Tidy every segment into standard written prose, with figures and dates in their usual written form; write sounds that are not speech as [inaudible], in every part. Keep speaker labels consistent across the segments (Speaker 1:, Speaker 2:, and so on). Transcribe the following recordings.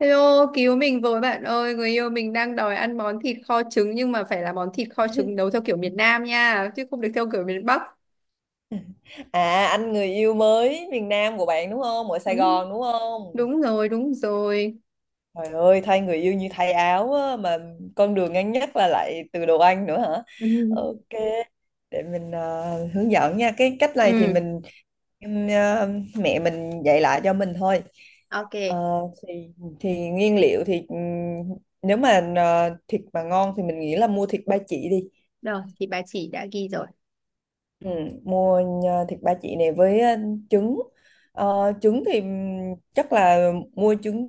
Speaker 1: Hello, cứu mình với bạn ơi, người yêu mình đang đòi ăn món thịt kho trứng nhưng mà phải là món thịt kho trứng nấu theo kiểu miền Nam nha, chứ không được theo kiểu miền Bắc.
Speaker 2: À anh người yêu mới miền Nam của bạn đúng không? Ở Sài
Speaker 1: Đúng,
Speaker 2: Gòn đúng không?
Speaker 1: đúng rồi, đúng rồi.
Speaker 2: Trời ơi thay người yêu như thay áo á, mà con đường ngắn nhất là lại từ đồ ăn nữa hả?
Speaker 1: [laughs] Ừ,
Speaker 2: Ok, để mình hướng dẫn nha. Cái cách này thì
Speaker 1: ừ,
Speaker 2: em, ờ, mẹ mình dạy lại cho mình thôi.
Speaker 1: ok.
Speaker 2: Ờ, thì thì nguyên liệu thì nếu mà thịt mà ngon thì mình nghĩ là mua thịt ba chỉ đi.
Speaker 1: Rồi, thì bà chỉ đã ghi rồi.
Speaker 2: Ừ, mua nhờ thịt ba chỉ này với trứng. Trứng thì chắc là mua trứng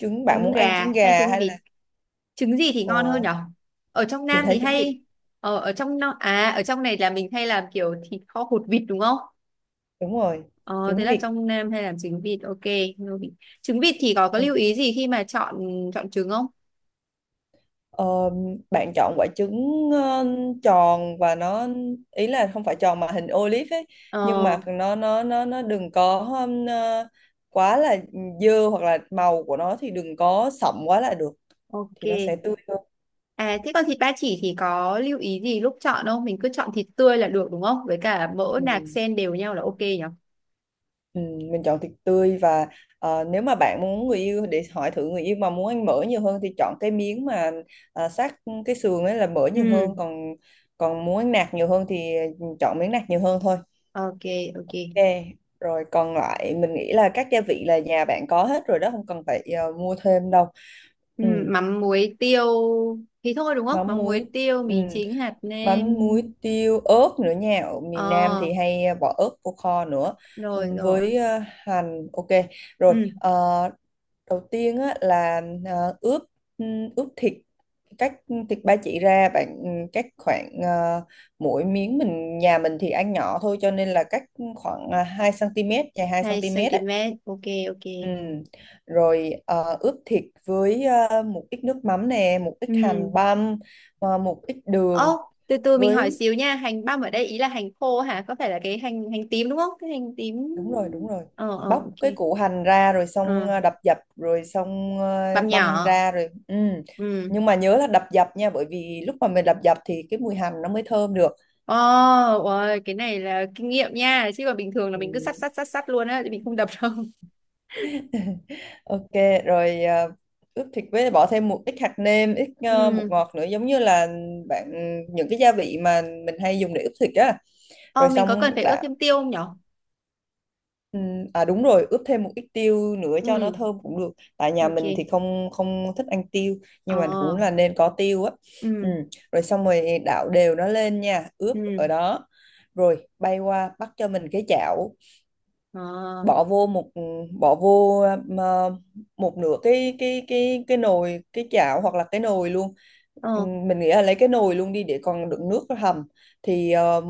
Speaker 2: trứng bạn
Speaker 1: Trứng
Speaker 2: muốn ăn
Speaker 1: gà
Speaker 2: trứng
Speaker 1: hay
Speaker 2: gà
Speaker 1: trứng
Speaker 2: hay
Speaker 1: vịt?
Speaker 2: là
Speaker 1: Trứng gì thì
Speaker 2: ờ,
Speaker 1: ngon hơn nhở? Ở trong
Speaker 2: mình
Speaker 1: Nam thì
Speaker 2: thấy trứng vịt,
Speaker 1: hay, ở trong này là mình hay làm kiểu thịt kho hột vịt đúng không?
Speaker 2: đúng rồi,
Speaker 1: Ờ, thế
Speaker 2: trứng
Speaker 1: là
Speaker 2: vịt.
Speaker 1: trong Nam hay làm trứng vịt, ok. Trứng vịt thì có
Speaker 2: Ừ.
Speaker 1: lưu ý gì khi mà chọn chọn trứng không?
Speaker 2: Ờ, bạn chọn quả trứng tròn và nó, ý là không phải tròn mà hình olive ấy,
Speaker 1: Ờ
Speaker 2: nhưng mà nó đừng có quá là dơ hoặc là màu của nó thì đừng có sậm quá là được,
Speaker 1: Ok.
Speaker 2: thì nó sẽ tươi hơn.
Speaker 1: À, thế còn thịt ba chỉ thì có lưu ý gì lúc chọn không? Mình cứ chọn thịt tươi là được đúng không? Với cả mỡ nạc
Speaker 2: Ừ.
Speaker 1: xen đều nhau là ok nhỉ?
Speaker 2: Ừ, mình chọn thịt tươi và nếu mà bạn muốn người yêu để hỏi thử người yêu mà muốn ăn mỡ nhiều hơn thì chọn cái miếng mà sát cái sườn ấy là mỡ nhiều
Speaker 1: Ừ,
Speaker 2: hơn, còn còn muốn ăn nạc nhiều hơn thì chọn miếng nạc nhiều hơn thôi.
Speaker 1: ok, ok.
Speaker 2: Ok, rồi còn lại mình nghĩ là các gia vị là nhà bạn có hết rồi đó, không cần phải mua thêm đâu.
Speaker 1: Ừ,
Speaker 2: Ừ,
Speaker 1: mắm muối tiêu thì thôi đúng không?
Speaker 2: mắm
Speaker 1: Mắm
Speaker 2: muối.
Speaker 1: muối tiêu,
Speaker 2: Ừ,
Speaker 1: mì chính, hạt nêm.
Speaker 2: mắm muối tiêu ớt nữa nha, ở miền Nam
Speaker 1: Ờ,
Speaker 2: thì hay bỏ ớt vô kho nữa.
Speaker 1: rồi
Speaker 2: Ừ,
Speaker 1: rồi.
Speaker 2: với hành, ok. Rồi
Speaker 1: Ừ,
Speaker 2: đầu tiên á, là ờ, ướp ướp thịt. Cắt thịt ba chỉ ra, bạn cắt khoảng mỗi miếng, nhà mình thì ăn nhỏ thôi cho nên là cắt khoảng 2 cm, dài 2
Speaker 1: 2
Speaker 2: cm á.
Speaker 1: cm. Ok, ok.
Speaker 2: Ừ. Rồi ướp thịt với một ít nước mắm nè, một ít
Speaker 1: Ừ.
Speaker 2: hành băm, một ít đường
Speaker 1: Ô, từ từ mình hỏi
Speaker 2: với,
Speaker 1: xíu nha. Hành băm ở đây ý là hành khô hả? Có phải là cái hành hành tím đúng không? Cái hành tím.
Speaker 2: đúng rồi đúng rồi,
Speaker 1: Ờ, ờ,
Speaker 2: bóc cái
Speaker 1: ok.
Speaker 2: củ hành ra rồi
Speaker 1: Ờ.
Speaker 2: xong đập dập rồi xong
Speaker 1: Bằm
Speaker 2: băm
Speaker 1: nhỏ.
Speaker 2: ra rồi, ừ.
Speaker 1: Ừ.
Speaker 2: Nhưng mà nhớ là đập dập nha, bởi vì lúc mà mình đập dập thì cái mùi hành nó mới thơm được.
Speaker 1: Ồ, ôi, cái này là kinh nghiệm nha, chứ còn bình thường là mình cứ sắt
Speaker 2: Ừ.
Speaker 1: sắt sắt sắt luôn á, thì mình không đập đâu.
Speaker 2: [laughs] Ok. Rồi ướp thịt với bỏ thêm một ít hạt nêm, ít
Speaker 1: [laughs]
Speaker 2: bột
Speaker 1: Ừ.
Speaker 2: ngọt nữa, giống như là bạn những cái gia vị mà mình hay dùng để ướp thịt á.
Speaker 1: Ờ,
Speaker 2: Rồi
Speaker 1: mình có cần
Speaker 2: xong
Speaker 1: phải ướp
Speaker 2: đã.
Speaker 1: thêm tiêu không nhở?
Speaker 2: Ừ. À đúng rồi, ướp thêm một ít tiêu nữa cho nó
Speaker 1: Ừ,
Speaker 2: thơm cũng được. Tại nhà mình thì
Speaker 1: ok.
Speaker 2: không không thích ăn tiêu,
Speaker 1: Ờ.
Speaker 2: nhưng mà cũng là nên có tiêu á. Ừ.
Speaker 1: Ừ.
Speaker 2: Rồi xong rồi đảo đều nó lên nha, ướp
Speaker 1: Ừ.
Speaker 2: ở đó. Rồi bay qua bắt cho mình cái chảo,
Speaker 1: ờ
Speaker 2: bỏ vô một ừ, bỏ vô ờ, một nửa cái chảo hoặc là cái nồi luôn.
Speaker 1: ờ.
Speaker 2: Mình nghĩ là lấy cái nồi luôn đi để còn đựng nước hầm, thì ờ,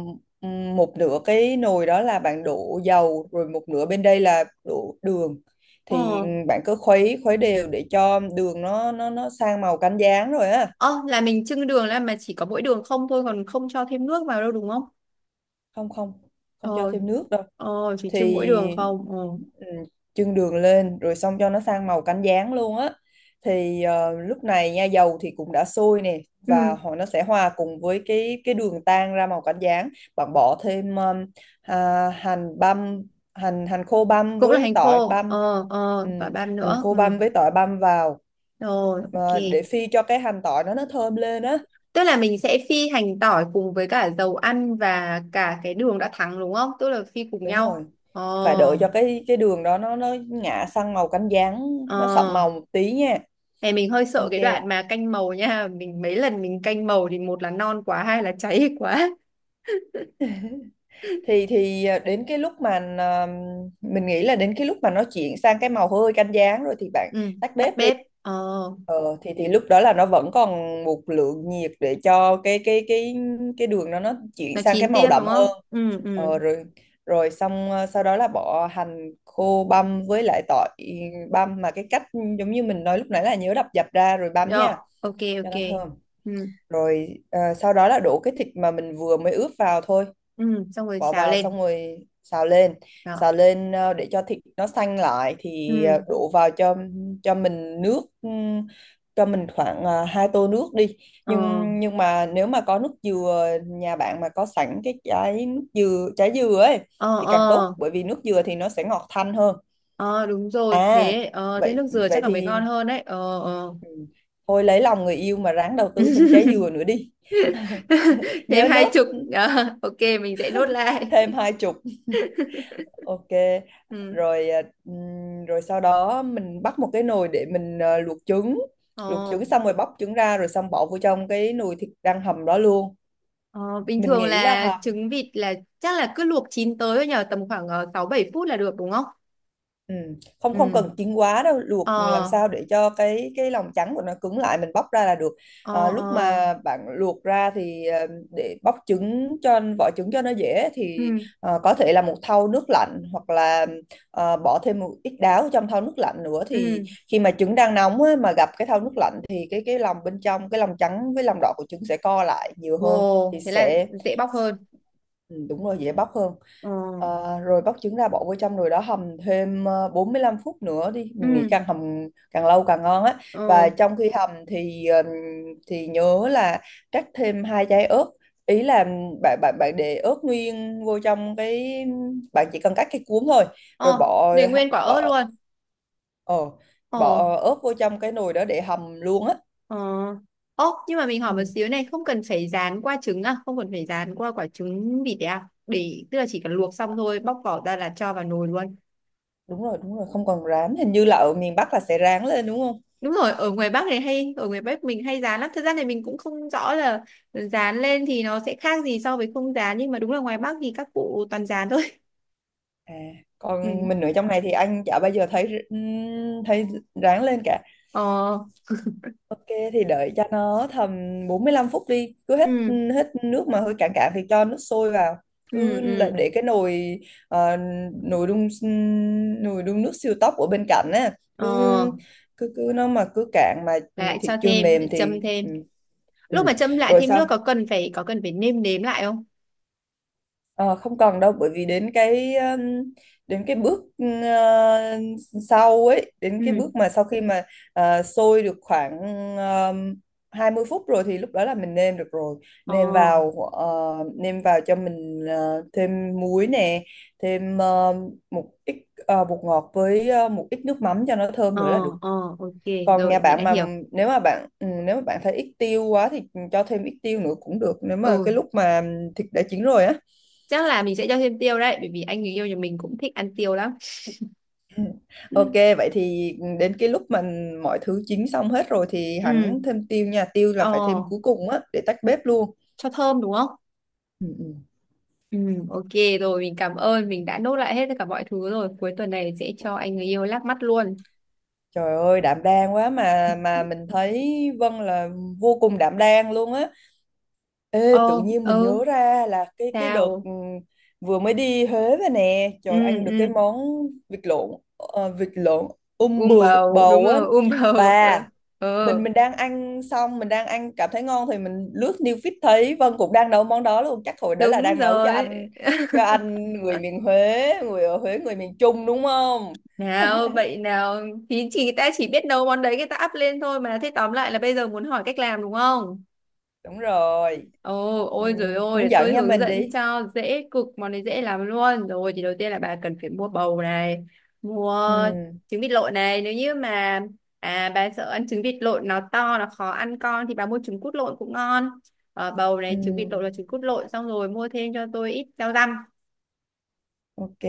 Speaker 2: ừm, một nửa cái nồi đó là bạn đổ dầu, rồi một nửa bên đây là đổ đường, thì
Speaker 1: Ờ.
Speaker 2: bạn cứ khuấy khuấy đều để cho đường nó sang màu cánh gián rồi á.
Speaker 1: Ờ, là mình chưng đường, là mà chỉ có mỗi đường không thôi, còn không cho thêm nước vào đâu, đúng không?
Speaker 2: Không không, không cho
Speaker 1: Ờ.
Speaker 2: thêm nước đâu.
Speaker 1: Ờ, chỉ
Speaker 2: Thì
Speaker 1: trưng mỗi đường không. Ờ.
Speaker 2: ừ, chưng đường lên rồi xong cho nó sang màu cánh gián luôn á, thì lúc này nha dầu thì cũng đã sôi nè, và
Speaker 1: Ừ,
Speaker 2: họ nó sẽ hòa cùng với cái đường tan ra màu cánh gián. Bạn bỏ thêm hành băm, hành hành khô băm
Speaker 1: cũng là
Speaker 2: với
Speaker 1: hành
Speaker 2: tỏi
Speaker 1: khô.
Speaker 2: băm.
Speaker 1: Ờ, ờ,
Speaker 2: Ừ,
Speaker 1: và băm
Speaker 2: hành
Speaker 1: nữa.
Speaker 2: khô
Speaker 1: Ừ.
Speaker 2: băm với tỏi băm vào,
Speaker 1: Rồi, ok.
Speaker 2: để phi cho cái hành tỏi nó thơm lên á.
Speaker 1: Tức là mình sẽ phi hành tỏi cùng với cả dầu ăn và cả cái đường đã thắng đúng không? Tức là phi cùng
Speaker 2: Đúng
Speaker 1: nhau.
Speaker 2: rồi,
Speaker 1: Ờ,
Speaker 2: phải đợi cho cái đường đó nó ngả sang màu cánh gián, nó sậm
Speaker 1: ờ.
Speaker 2: màu một tí nha.
Speaker 1: Này mình hơi sợ
Speaker 2: Ok,
Speaker 1: cái đoạn mà canh màu nha. Mình mấy lần mình canh màu thì một là non quá, hai là cháy [laughs] quá.
Speaker 2: đến cái lúc mà mình nghĩ là đến cái lúc mà nó chuyển sang cái màu hơi cánh gián rồi thì bạn
Speaker 1: Ừ,
Speaker 2: tắt
Speaker 1: tắt
Speaker 2: bếp đi.
Speaker 1: bếp. Ờ,
Speaker 2: Thì lúc đó là nó vẫn còn một lượng nhiệt để cho cái đường nó
Speaker 1: nó
Speaker 2: chuyển sang cái
Speaker 1: chín
Speaker 2: màu
Speaker 1: tiếp đúng
Speaker 2: đậm
Speaker 1: không?
Speaker 2: hơn.
Speaker 1: Ừ, ừ.
Speaker 2: Rồi rồi xong, sau đó là bỏ hành khô băm với lại tỏi băm, mà cái cách giống như mình nói lúc nãy là nhớ đập dập ra rồi băm
Speaker 1: Rồi,
Speaker 2: nha,
Speaker 1: ok,
Speaker 2: cho
Speaker 1: ok.
Speaker 2: nó thơm.
Speaker 1: Ừ,
Speaker 2: Rồi sau đó là đổ cái thịt mà mình vừa mới ướp vào thôi,
Speaker 1: ừ, xong rồi
Speaker 2: bỏ
Speaker 1: xào
Speaker 2: vào
Speaker 1: lên.
Speaker 2: xong rồi xào lên.
Speaker 1: Đó.
Speaker 2: Xào lên, để cho thịt nó xanh lại thì
Speaker 1: Ừ,
Speaker 2: đổ vào cho mình nước, cho mình khoảng hai tô nước đi,
Speaker 1: ờ,
Speaker 2: nhưng nhưng mà nếu mà có nước dừa, nhà bạn mà có sẵn cái trái dừa ấy
Speaker 1: ờ,
Speaker 2: thì càng
Speaker 1: ờ,
Speaker 2: tốt, bởi vì nước dừa thì nó sẽ ngọt thanh hơn.
Speaker 1: ờ, đúng rồi.
Speaker 2: à
Speaker 1: Thế
Speaker 2: vậy
Speaker 1: nước dừa
Speaker 2: vậy
Speaker 1: chắc là mới
Speaker 2: thì
Speaker 1: ngon hơn đấy. Ờ, ờ.
Speaker 2: ừ. Thôi lấy lòng người yêu mà ráng đầu tư thêm trái dừa nữa đi. [laughs]
Speaker 1: [laughs] Thêm
Speaker 2: Nhớ
Speaker 1: hai
Speaker 2: nốt
Speaker 1: chục Ờ, ok, mình sẽ nốt lại.
Speaker 2: thêm hai chục. Ok.
Speaker 1: Ừ.
Speaker 2: Rồi rồi sau đó mình bắt một cái nồi để mình luộc trứng. Luộc trứng
Speaker 1: Ồ,
Speaker 2: xong rồi bóc trứng ra rồi xong bỏ vô trong cái nồi thịt đang hầm đó luôn.
Speaker 1: ờ, bình
Speaker 2: Mình
Speaker 1: thường
Speaker 2: nghĩ là
Speaker 1: là
Speaker 2: hầm.
Speaker 1: trứng vịt là chắc là cứ luộc chín tới thôi nhờ, tầm khoảng sáu bảy phút là được đúng không?
Speaker 2: Ừ. Không, không
Speaker 1: Ừ.
Speaker 2: cần chín quá đâu, luộc làm
Speaker 1: Ờ.
Speaker 2: sao để cho cái lòng trắng của nó cứng lại mình bóc ra là được.
Speaker 1: Ờ.
Speaker 2: À, lúc
Speaker 1: Ờ.
Speaker 2: mà bạn luộc ra thì để bóc trứng, cho vỏ trứng cho nó dễ
Speaker 1: Ừ.
Speaker 2: thì có thể là một thau nước lạnh hoặc là bỏ thêm một ít đáo trong thau nước lạnh nữa, thì
Speaker 1: Ừ.
Speaker 2: khi mà trứng đang nóng á, mà gặp cái thau nước lạnh thì cái lòng bên trong, cái lòng trắng với lòng đỏ của trứng sẽ co lại nhiều hơn, thì
Speaker 1: Ồ, thế là
Speaker 2: sẽ.
Speaker 1: dễ bóc hơn.
Speaker 2: Ừ, đúng rồi, dễ bóc hơn.
Speaker 1: Ờ.
Speaker 2: Ờ, rồi bóc trứng ra bỏ vô trong rồi đó, hầm thêm 45 phút nữa đi, mình nghĩ
Speaker 1: Ừ.
Speaker 2: càng hầm càng lâu càng ngon á.
Speaker 1: Ờ.
Speaker 2: Và trong khi hầm thì nhớ là cắt thêm hai trái ớt, ý là bạn bạn bạn để ớt nguyên vô trong cái, bạn chỉ cần cắt cái cuống thôi, rồi
Speaker 1: Ờ,
Speaker 2: bỏ
Speaker 1: để nguyên quả ớt
Speaker 2: bỏ
Speaker 1: luôn.
Speaker 2: ờ,
Speaker 1: Ờ.
Speaker 2: bỏ ớt vô trong cái nồi đó để hầm luôn á.
Speaker 1: Ờ. Ồ, nhưng mà mình hỏi một
Speaker 2: Ừ,
Speaker 1: xíu này, không cần phải rán qua trứng à? Không cần phải rán qua quả trứng vịt đấy à? Để, tức là chỉ cần luộc xong thôi, bóc vỏ ra là cho vào nồi luôn.
Speaker 2: đúng rồi đúng rồi, không, còn rán hình như là ở miền Bắc là sẽ rán lên đúng không.
Speaker 1: Đúng rồi, ở ngoài Bắc mình hay dán lắm, thật ra thì mình cũng không rõ là dán lên thì nó sẽ khác gì so với không dán, nhưng mà đúng là ngoài Bắc thì các cụ toàn dán thôi. [laughs]
Speaker 2: À,
Speaker 1: Ừ.
Speaker 2: còn mình ở trong này thì anh chả bao giờ thấy thấy ráng lên cả.
Speaker 1: Ờ.
Speaker 2: Ok, thì đợi cho nó tầm 45 phút đi, cứ hết
Speaker 1: Ừ.
Speaker 2: ừ, hết nước mà hơi cạn cạn thì cho nước sôi vào.
Speaker 1: Ừ.
Speaker 2: Cứ là
Speaker 1: Ừ.
Speaker 2: để cái nồi ờ, nồi đun ừ, nồi đun nước siêu tốc ở bên cạnh á, cứ
Speaker 1: Ờ,
Speaker 2: cứ cứ nó mà cứ cạn mà ừ,
Speaker 1: lại
Speaker 2: thịt
Speaker 1: cho
Speaker 2: chưa
Speaker 1: thêm, lại
Speaker 2: mềm thì
Speaker 1: châm thêm.
Speaker 2: ừ. Ừ.
Speaker 1: Lúc mà châm lại
Speaker 2: Rồi
Speaker 1: thêm nước
Speaker 2: sau.
Speaker 1: có cần phải nêm nếm lại không?
Speaker 2: Ờ, không cần đâu bởi vì đến cái bước sau ấy, đến cái
Speaker 1: Ừ.
Speaker 2: bước mà sau khi mà sôi được khoảng um, 20 phút rồi thì lúc đó là mình nêm được rồi.
Speaker 1: Ờ.
Speaker 2: Nêm vào nêm vào cho mình thêm muối nè, thêm một ít bột ngọt với một ít nước mắm cho nó thơm
Speaker 1: Ờ.
Speaker 2: nữa là được.
Speaker 1: Ờ, ok.
Speaker 2: Còn nhà
Speaker 1: Rồi mình
Speaker 2: bạn
Speaker 1: đã
Speaker 2: mà
Speaker 1: hiểu.
Speaker 2: nếu mà bạn ừ, nếu mà bạn thấy ít tiêu quá thì cho thêm ít tiêu nữa cũng được, nếu mà
Speaker 1: Ừ.
Speaker 2: cái lúc mà thịt đã chín rồi á.
Speaker 1: Chắc là mình sẽ cho thêm tiêu đấy, bởi vì anh người yêu nhà mình cũng thích ăn tiêu lắm. Ừ.
Speaker 2: Ok, vậy thì đến cái lúc mà mọi thứ chín xong hết rồi thì hắn
Speaker 1: Ừ.
Speaker 2: thêm tiêu nha. Tiêu là
Speaker 1: Ờ,
Speaker 2: phải thêm cuối cùng á để tách bếp luôn.
Speaker 1: cho thơm đúng không?
Speaker 2: Ừ, ừ.
Speaker 1: Ừ, ok, rồi mình cảm ơn, mình đã nốt lại hết tất cả mọi thứ rồi, cuối tuần này sẽ cho anh người yêu lắc mắt luôn.
Speaker 2: Trời ơi đảm đang quá, mà mình thấy Vân là vô cùng đảm đang luôn á. Ê, tự
Speaker 1: Ồ.
Speaker 2: nhiên mình nhớ
Speaker 1: Ừ.
Speaker 2: ra là cái đợt
Speaker 1: Sao?
Speaker 2: ừ, vừa mới đi Huế về nè,
Speaker 1: Ừ.
Speaker 2: trời ăn được
Speaker 1: Ừ,
Speaker 2: cái món vịt lộn, vịt lộn bự
Speaker 1: bầu đúng
Speaker 2: bầu á,
Speaker 1: rồi, [laughs] bầu. Ừ,
Speaker 2: và mình
Speaker 1: ừ,
Speaker 2: mình đang ăn, xong mình đang ăn cảm thấy ngon thì mình lướt new feed thấy Vân cũng đang nấu món đó luôn, chắc hồi đó là
Speaker 1: đúng
Speaker 2: đang nấu cho
Speaker 1: rồi.
Speaker 2: anh, cho anh người miền Huế, người ở Huế, người miền Trung đúng không.
Speaker 1: Nào
Speaker 2: [laughs]
Speaker 1: vậy, nào? Thì chỉ ta chỉ biết nấu món đấy, người ta up lên thôi mà. Thế tóm lại là bây giờ muốn hỏi cách làm đúng không?
Speaker 2: Đúng rồi.
Speaker 1: Ồ,
Speaker 2: Ừ,
Speaker 1: ôi rồi ôi,
Speaker 2: hướng
Speaker 1: để
Speaker 2: dẫn
Speaker 1: tôi
Speaker 2: nha
Speaker 1: hướng
Speaker 2: mình
Speaker 1: dẫn
Speaker 2: đi.
Speaker 1: cho dễ cực, món này dễ lắm luôn. Rồi thì đầu tiên là bà cần phải mua bầu này, mua
Speaker 2: Ừ,
Speaker 1: trứng vịt lộn này. Nếu như mà bà sợ ăn trứng vịt lộn nó to, nó khó ăn con thì bà mua trứng cút lộn cũng ngon. Ờ, bầu này,
Speaker 2: ừ,
Speaker 1: trứng vịt lộn và trứng cút lộn, xong rồi mua thêm cho tôi ít rau răm.
Speaker 2: ok.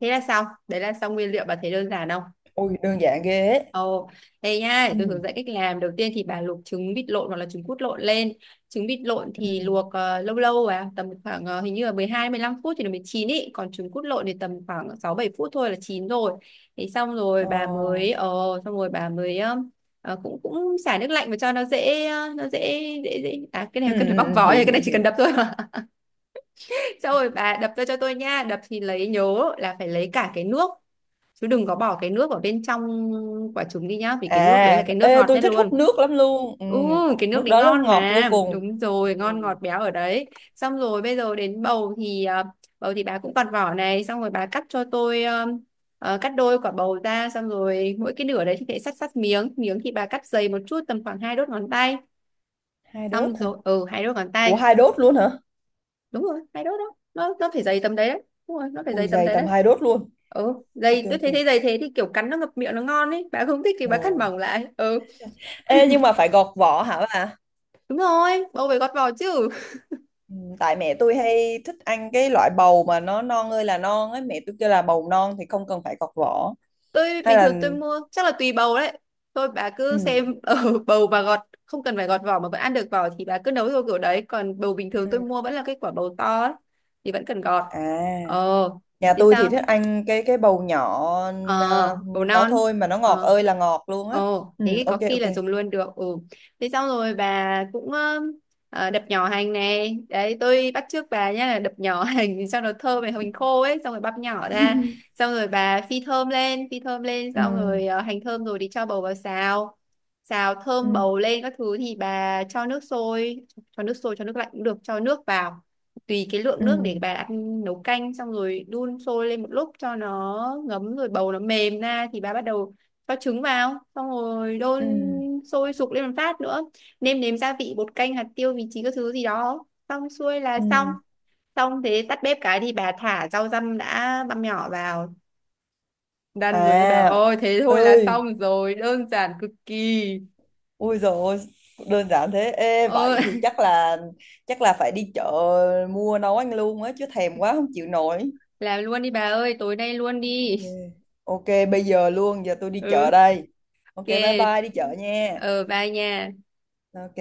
Speaker 1: Thế là xong. Đấy là xong nguyên liệu, bà thấy đơn giản không?
Speaker 2: Ôi đơn giản ghê ấy.
Speaker 1: Ồ, đây nha, để tôi
Speaker 2: Ừ,
Speaker 1: hướng dẫn cách làm. Đầu tiên thì bà luộc trứng vịt lộn hoặc là trứng cút lộn lên. Trứng vịt lộn thì
Speaker 2: ừ,
Speaker 1: luộc lâu lâu, tầm khoảng hình như là 12, mười 15 phút thì nó mới chín ý, còn trứng cút lộn thì tầm khoảng 6 7 phút thôi là chín rồi. Thế xong rồi
Speaker 2: ờ,
Speaker 1: bà mới xong rồi bà mới ờ, cũng cũng xả nước lạnh và cho nó dễ ờ, nó dễ dễ dễ à cái này
Speaker 2: ừ,
Speaker 1: cần
Speaker 2: ừ,
Speaker 1: phải bóc
Speaker 2: ừ,
Speaker 1: vỏ
Speaker 2: hiểu
Speaker 1: rồi, cái này
Speaker 2: hiểu
Speaker 1: chỉ cần
Speaker 2: hiểu.
Speaker 1: đập thôi mà. [laughs] Xong rồi bà đập ra cho tôi nha. Đập thì lấy, nhớ là phải lấy cả cái nước, chứ đừng có bỏ cái nước ở bên trong quả trứng đi nhá, vì cái nước đấy là
Speaker 2: À
Speaker 1: cái nước
Speaker 2: ê,
Speaker 1: ngọt
Speaker 2: tôi
Speaker 1: nhất
Speaker 2: thích hút
Speaker 1: luôn.
Speaker 2: nước lắm luôn, ừ,
Speaker 1: Ừ, cái nước
Speaker 2: nước
Speaker 1: đấy
Speaker 2: đó nó
Speaker 1: ngon
Speaker 2: ngọt vô
Speaker 1: mà,
Speaker 2: cùng.
Speaker 1: đúng rồi,
Speaker 2: Ừ,
Speaker 1: ngon, ngọt, béo ở đấy. Xong rồi bây giờ đến bầu thì bà cũng còn vỏ này, xong rồi bà cắt cho tôi cắt đôi quả bầu ra, xong rồi mỗi cái nửa đấy thì phải cắt cắt miếng miếng, thì bà cắt dày một chút tầm khoảng hai đốt ngón tay.
Speaker 2: hai đốt
Speaker 1: Xong
Speaker 2: hả?
Speaker 1: rồi, ừ, hai đốt ngón
Speaker 2: Ủa
Speaker 1: tay.
Speaker 2: hai đốt luôn hả?
Speaker 1: Đúng rồi, hai đốt, đó nó phải dày tầm đấy đấy. Đúng rồi, nó phải dày
Speaker 2: Ui
Speaker 1: tầm
Speaker 2: dày
Speaker 1: đấy
Speaker 2: tầm
Speaker 1: đấy.
Speaker 2: hai đốt luôn.
Speaker 1: Ừ
Speaker 2: Ok
Speaker 1: dày, tôi
Speaker 2: ok.
Speaker 1: thấy thế, dày thế thì kiểu cắn nó ngập miệng nó ngon ấy, bà không thích thì bà cắt
Speaker 2: Ừ.
Speaker 1: mỏng lại. Ừ.
Speaker 2: Ê nhưng mà phải gọt vỏ hả bà?
Speaker 1: Đúng rồi, bầu phải gọt vỏ chứ.
Speaker 2: Ừ, tại mẹ tôi hay thích ăn cái loại bầu mà nó non ơi là non ấy, mẹ tôi kêu là bầu non thì không cần phải gọt vỏ,
Speaker 1: Tôi
Speaker 2: hay
Speaker 1: bình
Speaker 2: là.
Speaker 1: thường tôi mua chắc là tùy bầu đấy. Thôi bà cứ
Speaker 2: Ừ.
Speaker 1: xem ở [laughs] bầu bà gọt. Không cần phải gọt vỏ mà vẫn ăn được vỏ thì bà cứ nấu theo kiểu đấy, còn bầu bình thường
Speaker 2: Ừ.
Speaker 1: tôi mua vẫn là cái quả bầu to ấy, thì vẫn cần gọt.
Speaker 2: À,
Speaker 1: Ờ,
Speaker 2: nhà
Speaker 1: thế
Speaker 2: tôi thì
Speaker 1: sao?
Speaker 2: thích ăn cái bầu nhỏ,
Speaker 1: Ờ,
Speaker 2: à,
Speaker 1: bổ
Speaker 2: đó
Speaker 1: non.
Speaker 2: thôi mà nó ngọt
Speaker 1: Ờ.
Speaker 2: ơi là ngọt luôn á.
Speaker 1: Ồ,
Speaker 2: Ừ,
Speaker 1: thế thì có
Speaker 2: ok
Speaker 1: khi
Speaker 2: ok.
Speaker 1: là dùng luôn được. Ừ. Thế xong rồi bà cũng đập nhỏ hành này đấy, tôi bắt chước bà nhá, là đập nhỏ [laughs] hành cho nó thơm này, hành khô ấy, xong rồi băm nhỏ ra.
Speaker 2: [laughs]
Speaker 1: Xong rồi bà phi thơm lên,
Speaker 2: Ừ.
Speaker 1: xong rồi hành thơm rồi thì cho bầu vào xào. Xào thơm
Speaker 2: Ừ.
Speaker 1: bầu lên các thứ thì bà cho nước sôi. Cho nước sôi, cho nước lạnh cũng được, cho nước vào tùy cái lượng nước
Speaker 2: Ừ.
Speaker 1: để bà ăn nấu canh, xong rồi đun sôi lên một lúc cho nó ngấm, rồi bầu nó mềm ra thì bà bắt đầu cho trứng vào, xong rồi đun
Speaker 2: Ừ.
Speaker 1: sôi sục lên một phát nữa, nêm nếm gia vị, bột canh, hạt tiêu, vị trí các thứ gì đó, xong xuôi là xong.
Speaker 2: Ừ.
Speaker 1: Xong thế tắt bếp cái thì bà thả rau răm đã băm nhỏ vào. Đan rồi đấy bà
Speaker 2: À,
Speaker 1: ơi, thế thôi là
Speaker 2: ơi,
Speaker 1: xong rồi, đơn giản cực kỳ.
Speaker 2: ui rồi, đơn giản thế. Ê,
Speaker 1: Ờ,
Speaker 2: vậy thì chắc là phải đi chợ mua nấu ăn luôn á, chứ thèm quá không chịu nổi.
Speaker 1: [laughs] làm luôn đi bà ơi, tối nay luôn
Speaker 2: Ok.
Speaker 1: đi.
Speaker 2: Ok, bây giờ luôn, giờ tôi
Speaker 1: [laughs]
Speaker 2: đi chợ
Speaker 1: Ừ,
Speaker 2: đây. Ok,
Speaker 1: ok.
Speaker 2: bye bye đi chợ nha.
Speaker 1: Ờ, bye nha.
Speaker 2: Ok.